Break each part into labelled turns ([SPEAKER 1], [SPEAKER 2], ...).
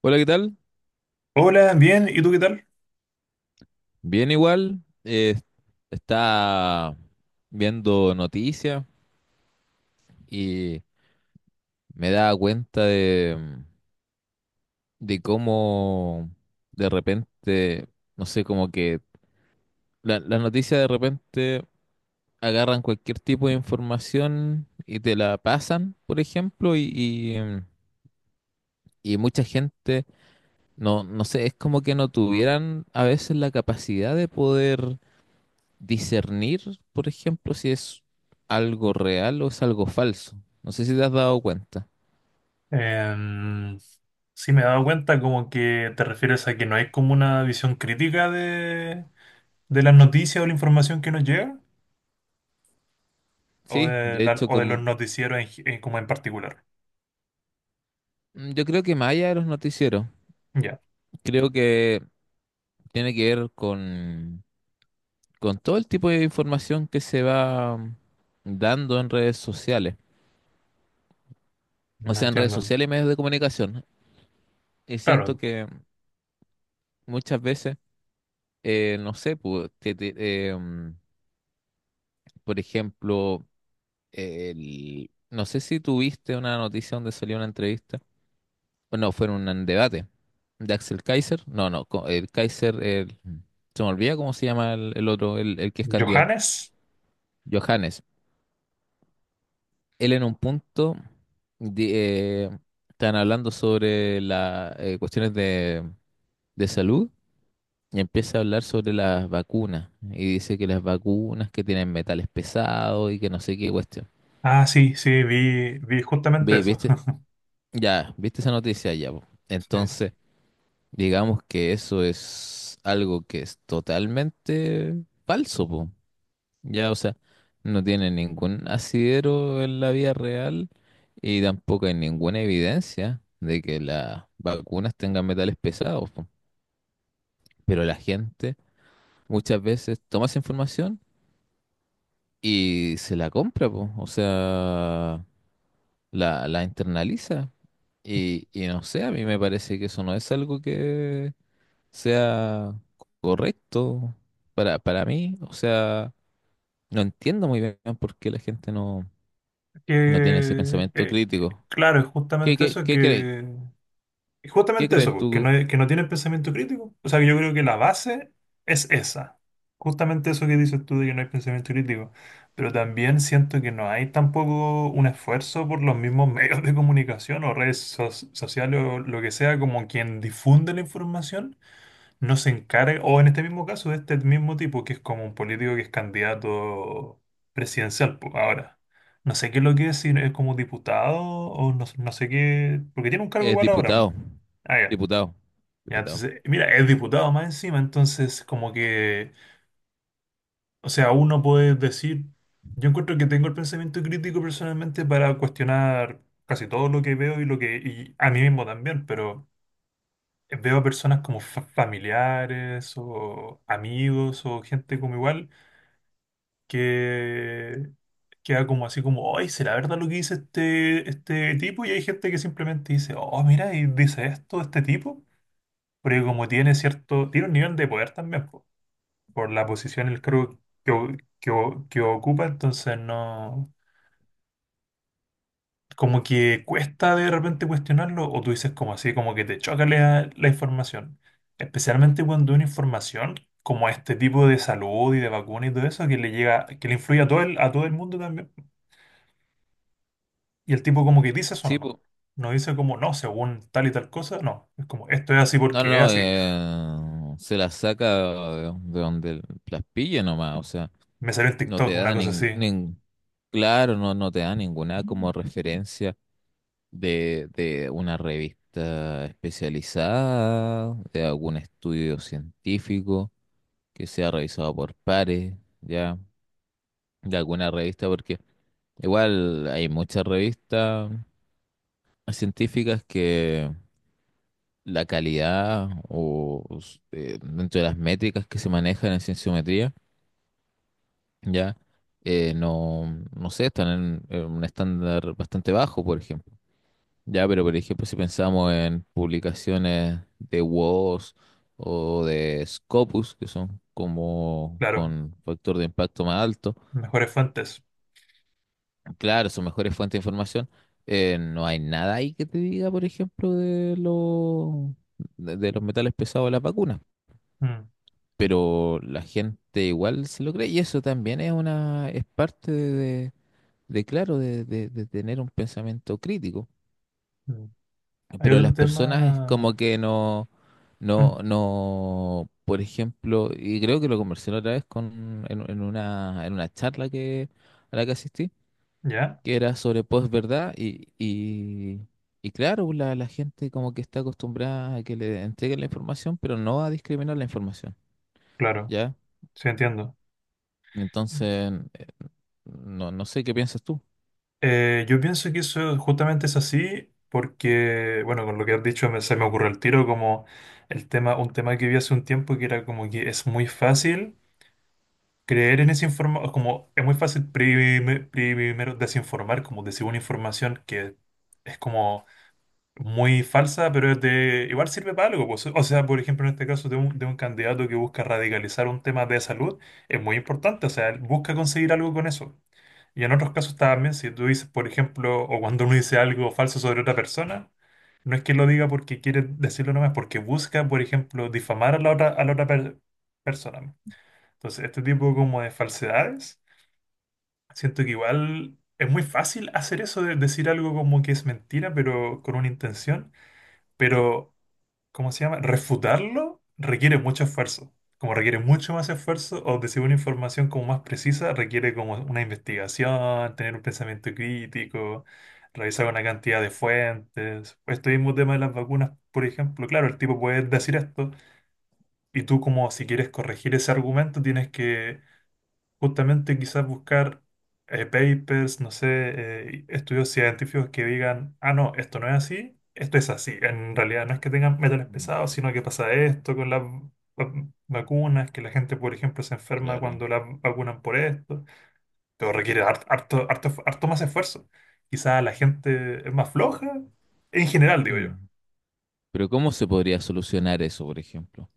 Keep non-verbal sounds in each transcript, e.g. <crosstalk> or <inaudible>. [SPEAKER 1] Hola, ¿qué tal?
[SPEAKER 2] Hola, bien, ¿y tú qué tal?
[SPEAKER 1] Bien igual. Está viendo noticias y me da cuenta de cómo de repente, no sé, como que las noticias de repente agarran cualquier tipo de información y te la pasan, por ejemplo, y y mucha gente, no sé, es como que no tuvieran a veces la capacidad de poder discernir, por ejemplo, si es algo real o es algo falso. No sé si te has dado cuenta.
[SPEAKER 2] Em, sí, me he dado cuenta como que te refieres a que no hay como una visión crítica de las noticias o la información que nos llega, o
[SPEAKER 1] Sí,
[SPEAKER 2] de,
[SPEAKER 1] de hecho,
[SPEAKER 2] o de los
[SPEAKER 1] como
[SPEAKER 2] noticieros en en como en particular.
[SPEAKER 1] mm, yo creo que más allá de los noticieros,
[SPEAKER 2] Ya,
[SPEAKER 1] creo que tiene que ver con todo el tipo de información que se va dando en redes sociales. O
[SPEAKER 2] no
[SPEAKER 1] sea, en redes
[SPEAKER 2] entiendo.
[SPEAKER 1] sociales y medios de comunicación. Y siento
[SPEAKER 2] Claro,
[SPEAKER 1] que muchas veces, no sé, eh, mm, por ejemplo, no sé si tuviste una noticia donde salió una entrevista. No, fueron un debate de Axel Kaiser. No, no, co- El Kaiser, se me olvida cómo se llama el otro, el que es candidato.
[SPEAKER 2] Johannes.
[SPEAKER 1] Johannes. Él, en un punto, di- eh, están hablando sobre las cuestiones de salud y empieza a hablar sobre las vacunas. Y dice que las vacunas que tienen metales pesados y que no sé qué cuestión.
[SPEAKER 2] Ah, sí, sí, vi justamente eso.
[SPEAKER 1] ¿Viste?
[SPEAKER 2] <laughs>
[SPEAKER 1] Ya, ¿viste esa noticia ya, po?
[SPEAKER 2] Sí.
[SPEAKER 1] Entonces, digamos que eso es algo que es totalmente falso, po. Ya, o sea, no tiene ningún asidero en la vida real y tampoco hay ninguna evidencia de que las vacunas tengan metales pesados, po. Pero la gente muchas veces toma esa información y se la compra, po. O sea, la internaliza. Y no sé, a mí me parece que eso no es algo que sea correcto para mí. O sea, no entiendo muy bien por qué la gente no, no tiene ese
[SPEAKER 2] Que,
[SPEAKER 1] pensamiento crítico.
[SPEAKER 2] claro, es
[SPEAKER 1] ¿Qué,
[SPEAKER 2] justamente
[SPEAKER 1] qué,
[SPEAKER 2] eso
[SPEAKER 1] qué crees?
[SPEAKER 2] que... Y
[SPEAKER 1] ¿Qué
[SPEAKER 2] justamente eso,
[SPEAKER 1] crees
[SPEAKER 2] pues,
[SPEAKER 1] tú?
[SPEAKER 2] que no tienen pensamiento crítico. O sea, que yo creo que la base es esa. Justamente eso que dices tú de que no hay pensamiento crítico. Pero también siento que no hay tampoco un esfuerzo por los mismos <laughs> medios de comunicación o redes sociales o lo que sea, como quien difunde la información no se encarga, o en este mismo caso, de este mismo tipo, que es como un político que es candidato presidencial, po, ahora. No sé qué es lo que es, si es como diputado o no, no sé qué, porque tiene un cargo
[SPEAKER 1] Es
[SPEAKER 2] igual ahora, po.
[SPEAKER 1] diputado.
[SPEAKER 2] Ah, ya.
[SPEAKER 1] Diputado.
[SPEAKER 2] Ya,
[SPEAKER 1] Diputado.
[SPEAKER 2] entonces, mira, es diputado más encima, entonces como que, o sea, uno puede decir, yo encuentro que tengo el pensamiento crítico personalmente para cuestionar casi todo lo que veo y lo que, y a mí mismo también, pero veo a personas como familiares o amigos o gente como igual que queda como así como, oye, ¿será verdad lo que dice este, este tipo? Y hay gente que simplemente dice, oh, mira, y dice esto este tipo, porque como tiene cierto, tiene un nivel de poder también po, por la posición, el cargo que, que, que ocupa, entonces no... como que cuesta de repente cuestionarlo o tú dices como así, como que te choca la, la información. Especialmente cuando una información como este tipo de salud y de vacuna y todo eso que le llega, que le influye a todo el mundo también. Y el tipo como que dice eso
[SPEAKER 1] Sí,
[SPEAKER 2] nomás.
[SPEAKER 1] po.
[SPEAKER 2] No dice como no, según tal y tal cosa, no. Es como esto es así
[SPEAKER 1] No, no,
[SPEAKER 2] porque es
[SPEAKER 1] no,
[SPEAKER 2] así.
[SPEAKER 1] Se la saca de donde las pille nomás. O sea,
[SPEAKER 2] Me salió en
[SPEAKER 1] no
[SPEAKER 2] TikTok
[SPEAKER 1] te
[SPEAKER 2] una
[SPEAKER 1] da
[SPEAKER 2] cosa así.
[SPEAKER 1] ningún... Claro, no te da ninguna como referencia de una revista especializada, de algún estudio científico que sea revisado por pares, ya, de alguna revista, porque igual hay muchas revistas científicas que la calidad dentro de las métricas que se manejan en cienciometría, ya, eh, no, no sé, están en un estándar bastante bajo, por ejemplo. Ya, pero por ejemplo, si pensamos en publicaciones de WoS o de Scopus, que son como
[SPEAKER 2] Claro,
[SPEAKER 1] con factor de impacto más alto,
[SPEAKER 2] mejores fuentes.
[SPEAKER 1] claro, son mejores fuentes de información. No hay nada ahí que te diga, por ejemplo, de los de los metales pesados de las vacunas,
[SPEAKER 2] Mm,
[SPEAKER 1] pero la gente igual se lo cree y eso también es una es parte de- claro, de tener un pensamiento crítico.
[SPEAKER 2] mm. Hay
[SPEAKER 1] Pero las
[SPEAKER 2] otro
[SPEAKER 1] personas es
[SPEAKER 2] tema.
[SPEAKER 1] como que
[SPEAKER 2] Mm,
[SPEAKER 1] no, por ejemplo, y creo que lo conversé la otra vez en una charla a la que asistí,
[SPEAKER 2] ¿ya?
[SPEAKER 1] que era sobre posverdad y claro, la gente como que está acostumbrada a que le entreguen la información, pero no a discriminar la información,
[SPEAKER 2] Claro,
[SPEAKER 1] ¿ya?
[SPEAKER 2] sí entiendo.
[SPEAKER 1] Entonces, no, no sé qué piensas tú.
[SPEAKER 2] Yo pienso que eso justamente es así porque, bueno, con lo que has dicho se me ocurrió el tiro como el tema, un tema que vi hace un tiempo que era como que es muy fácil creer en esa información, como es muy fácil primero desinformar, como decir una información que es como muy falsa, pero es de, igual sirve para algo, pues. O sea, por ejemplo, en este caso de un candidato que busca radicalizar un tema de salud, es muy importante, o sea, él busca conseguir algo con eso. Y en otros casos también, si tú dices, por ejemplo, o cuando uno dice algo falso sobre otra persona, no es que lo diga porque quiere decirlo nomás, porque busca, por ejemplo, difamar a la otra persona. Entonces, este tipo como de falsedades, siento que igual es muy fácil hacer eso de decir algo como que es mentira, pero con una intención. Pero ¿cómo se llama? Refutarlo requiere mucho esfuerzo. Como requiere mucho más esfuerzo o decir una información como más precisa, requiere como una investigación, tener un pensamiento crítico, revisar una cantidad de fuentes. Este mismo tema de las vacunas, por ejemplo, claro, el tipo puede decir esto y tú como si quieres corregir ese argumento tienes que justamente quizás buscar papers, no sé, estudios científicos que digan, ah, no, esto no es así, esto es así. En realidad no es que tengan metales
[SPEAKER 1] Mm.
[SPEAKER 2] pesados, sino que pasa esto con las vacunas, que la gente, por ejemplo, se enferma
[SPEAKER 1] Claro.
[SPEAKER 2] cuando la vacunan por esto, pero requiere harto, harto, harto más esfuerzo. Quizás la gente es más floja, en general, digo yo.
[SPEAKER 1] Mm. Pero ¿cómo se podría solucionar eso, por ejemplo?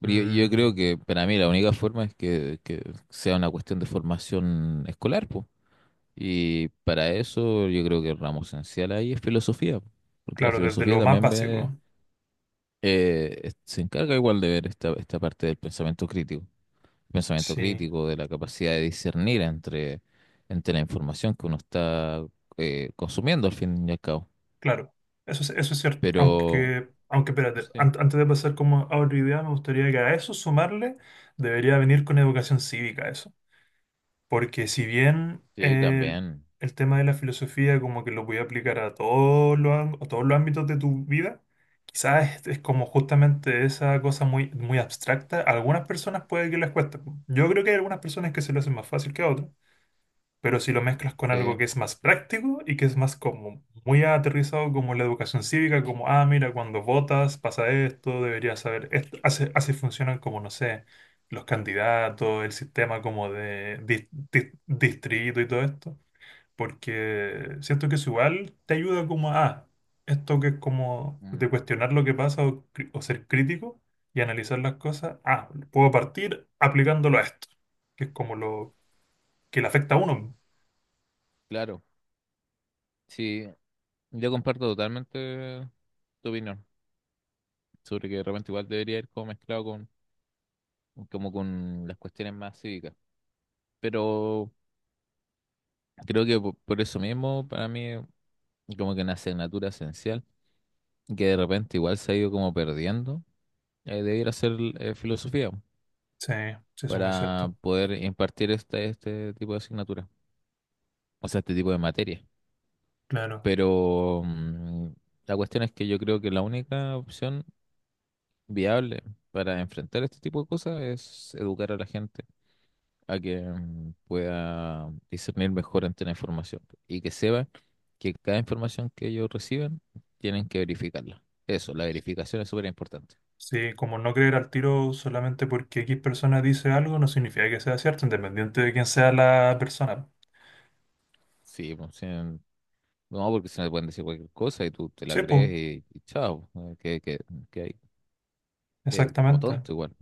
[SPEAKER 1] Yo creo
[SPEAKER 2] Mm,
[SPEAKER 1] que para mí la única forma es que sea una cuestión de formación escolar, pues. Y para eso yo creo que el ramo esencial ahí es filosofía, po. Porque la
[SPEAKER 2] claro, desde
[SPEAKER 1] filosofía
[SPEAKER 2] lo más
[SPEAKER 1] también ve,
[SPEAKER 2] básico,
[SPEAKER 1] se encarga igual de ver esta parte del pensamiento
[SPEAKER 2] sí.
[SPEAKER 1] crítico, de la capacidad de discernir entre, entre la información que uno está consumiendo al fin y al cabo.
[SPEAKER 2] Claro, eso es cierto.
[SPEAKER 1] Pero
[SPEAKER 2] Aunque, aunque espérate,
[SPEAKER 1] sí,
[SPEAKER 2] antes de pasar como a otra idea, me gustaría que a eso sumarle debería venir con educación cívica eso. Porque si bien
[SPEAKER 1] sí, también,
[SPEAKER 2] el tema de la filosofía como que lo voy a aplicar a todos los, a todos los ámbitos de tu vida, quizás es como justamente esa cosa muy, muy abstracta. A algunas personas puede que les cueste. Yo creo que hay algunas personas que se lo hacen más fácil que a otras. Pero si lo mezclas con
[SPEAKER 1] sí,
[SPEAKER 2] algo que es más práctico y que es más como muy aterrizado como la educación cívica, como, ah, mira, cuando votas pasa esto, deberías saber esto, así, así funcionan como, no sé, los candidatos, el sistema como de distrito y todo esto, porque siento que eso igual te ayuda como a, ah, esto que es como de
[SPEAKER 1] mm,
[SPEAKER 2] cuestionar lo que pasa o, o ser crítico y analizar las cosas, ah, puedo partir aplicándolo a esto, que es como lo que le afecta a uno.
[SPEAKER 1] claro. Sí, yo comparto totalmente tu opinión sobre que de repente igual debería ir como mezclado con, como con las cuestiones más cívicas. Pero creo que eso mismo, para mí, como que una asignatura esencial, que de repente igual se ha ido como perdiendo, debiera ser filosofía
[SPEAKER 2] Sí, sí, eso es muy
[SPEAKER 1] para
[SPEAKER 2] cierto.
[SPEAKER 1] poder impartir este tipo de asignatura, o sea, este tipo de materia.
[SPEAKER 2] Claro.
[SPEAKER 1] Pero mm, la cuestión es que yo creo que la única opción viable para enfrentar este tipo de cosas es educar a la gente a que pueda discernir mejor ante la información y que sepan que cada información que ellos reciben tienen que verificarla. Eso, la verificación es súper importante.
[SPEAKER 2] Sí, como no creer al tiro solamente porque X persona dice algo no significa que sea cierto, independiente de quién sea la persona.
[SPEAKER 1] Sí, pues, sí, no, porque se le pueden decir cualquier cosa y tú te la
[SPEAKER 2] Sí, pues,
[SPEAKER 1] crees y chao, que hay, como
[SPEAKER 2] exactamente.
[SPEAKER 1] tonto igual.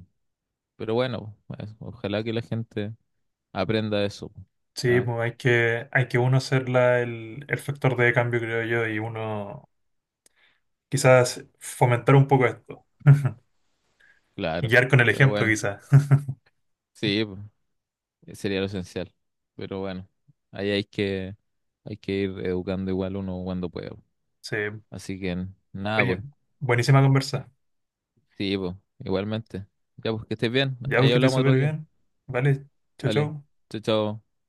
[SPEAKER 1] Pero bueno, pues, ojalá que la gente aprenda eso, pues.
[SPEAKER 2] Sí,
[SPEAKER 1] ¿Ah?
[SPEAKER 2] pues hay que uno ser el factor de cambio, creo yo, y uno quizás fomentar un poco esto. Y
[SPEAKER 1] Claro,
[SPEAKER 2] guiar con el
[SPEAKER 1] pero
[SPEAKER 2] ejemplo,
[SPEAKER 1] bueno,
[SPEAKER 2] quizás. <laughs>
[SPEAKER 1] sí, pues. Sería lo esencial. Pero bueno, ahí hay que, hay que ir educando igual uno cuando pueda.
[SPEAKER 2] Sí.
[SPEAKER 1] Así que nada,
[SPEAKER 2] Oye,
[SPEAKER 1] pues.
[SPEAKER 2] buenísima conversa.
[SPEAKER 1] Sí, pues. Igualmente. Ya, pues que estés bien.
[SPEAKER 2] Ya, pues
[SPEAKER 1] Ahí
[SPEAKER 2] que te
[SPEAKER 1] hablamos otro
[SPEAKER 2] súper
[SPEAKER 1] día.
[SPEAKER 2] bien. Vale, chau,
[SPEAKER 1] Vale.
[SPEAKER 2] chau.
[SPEAKER 1] Chao, chao.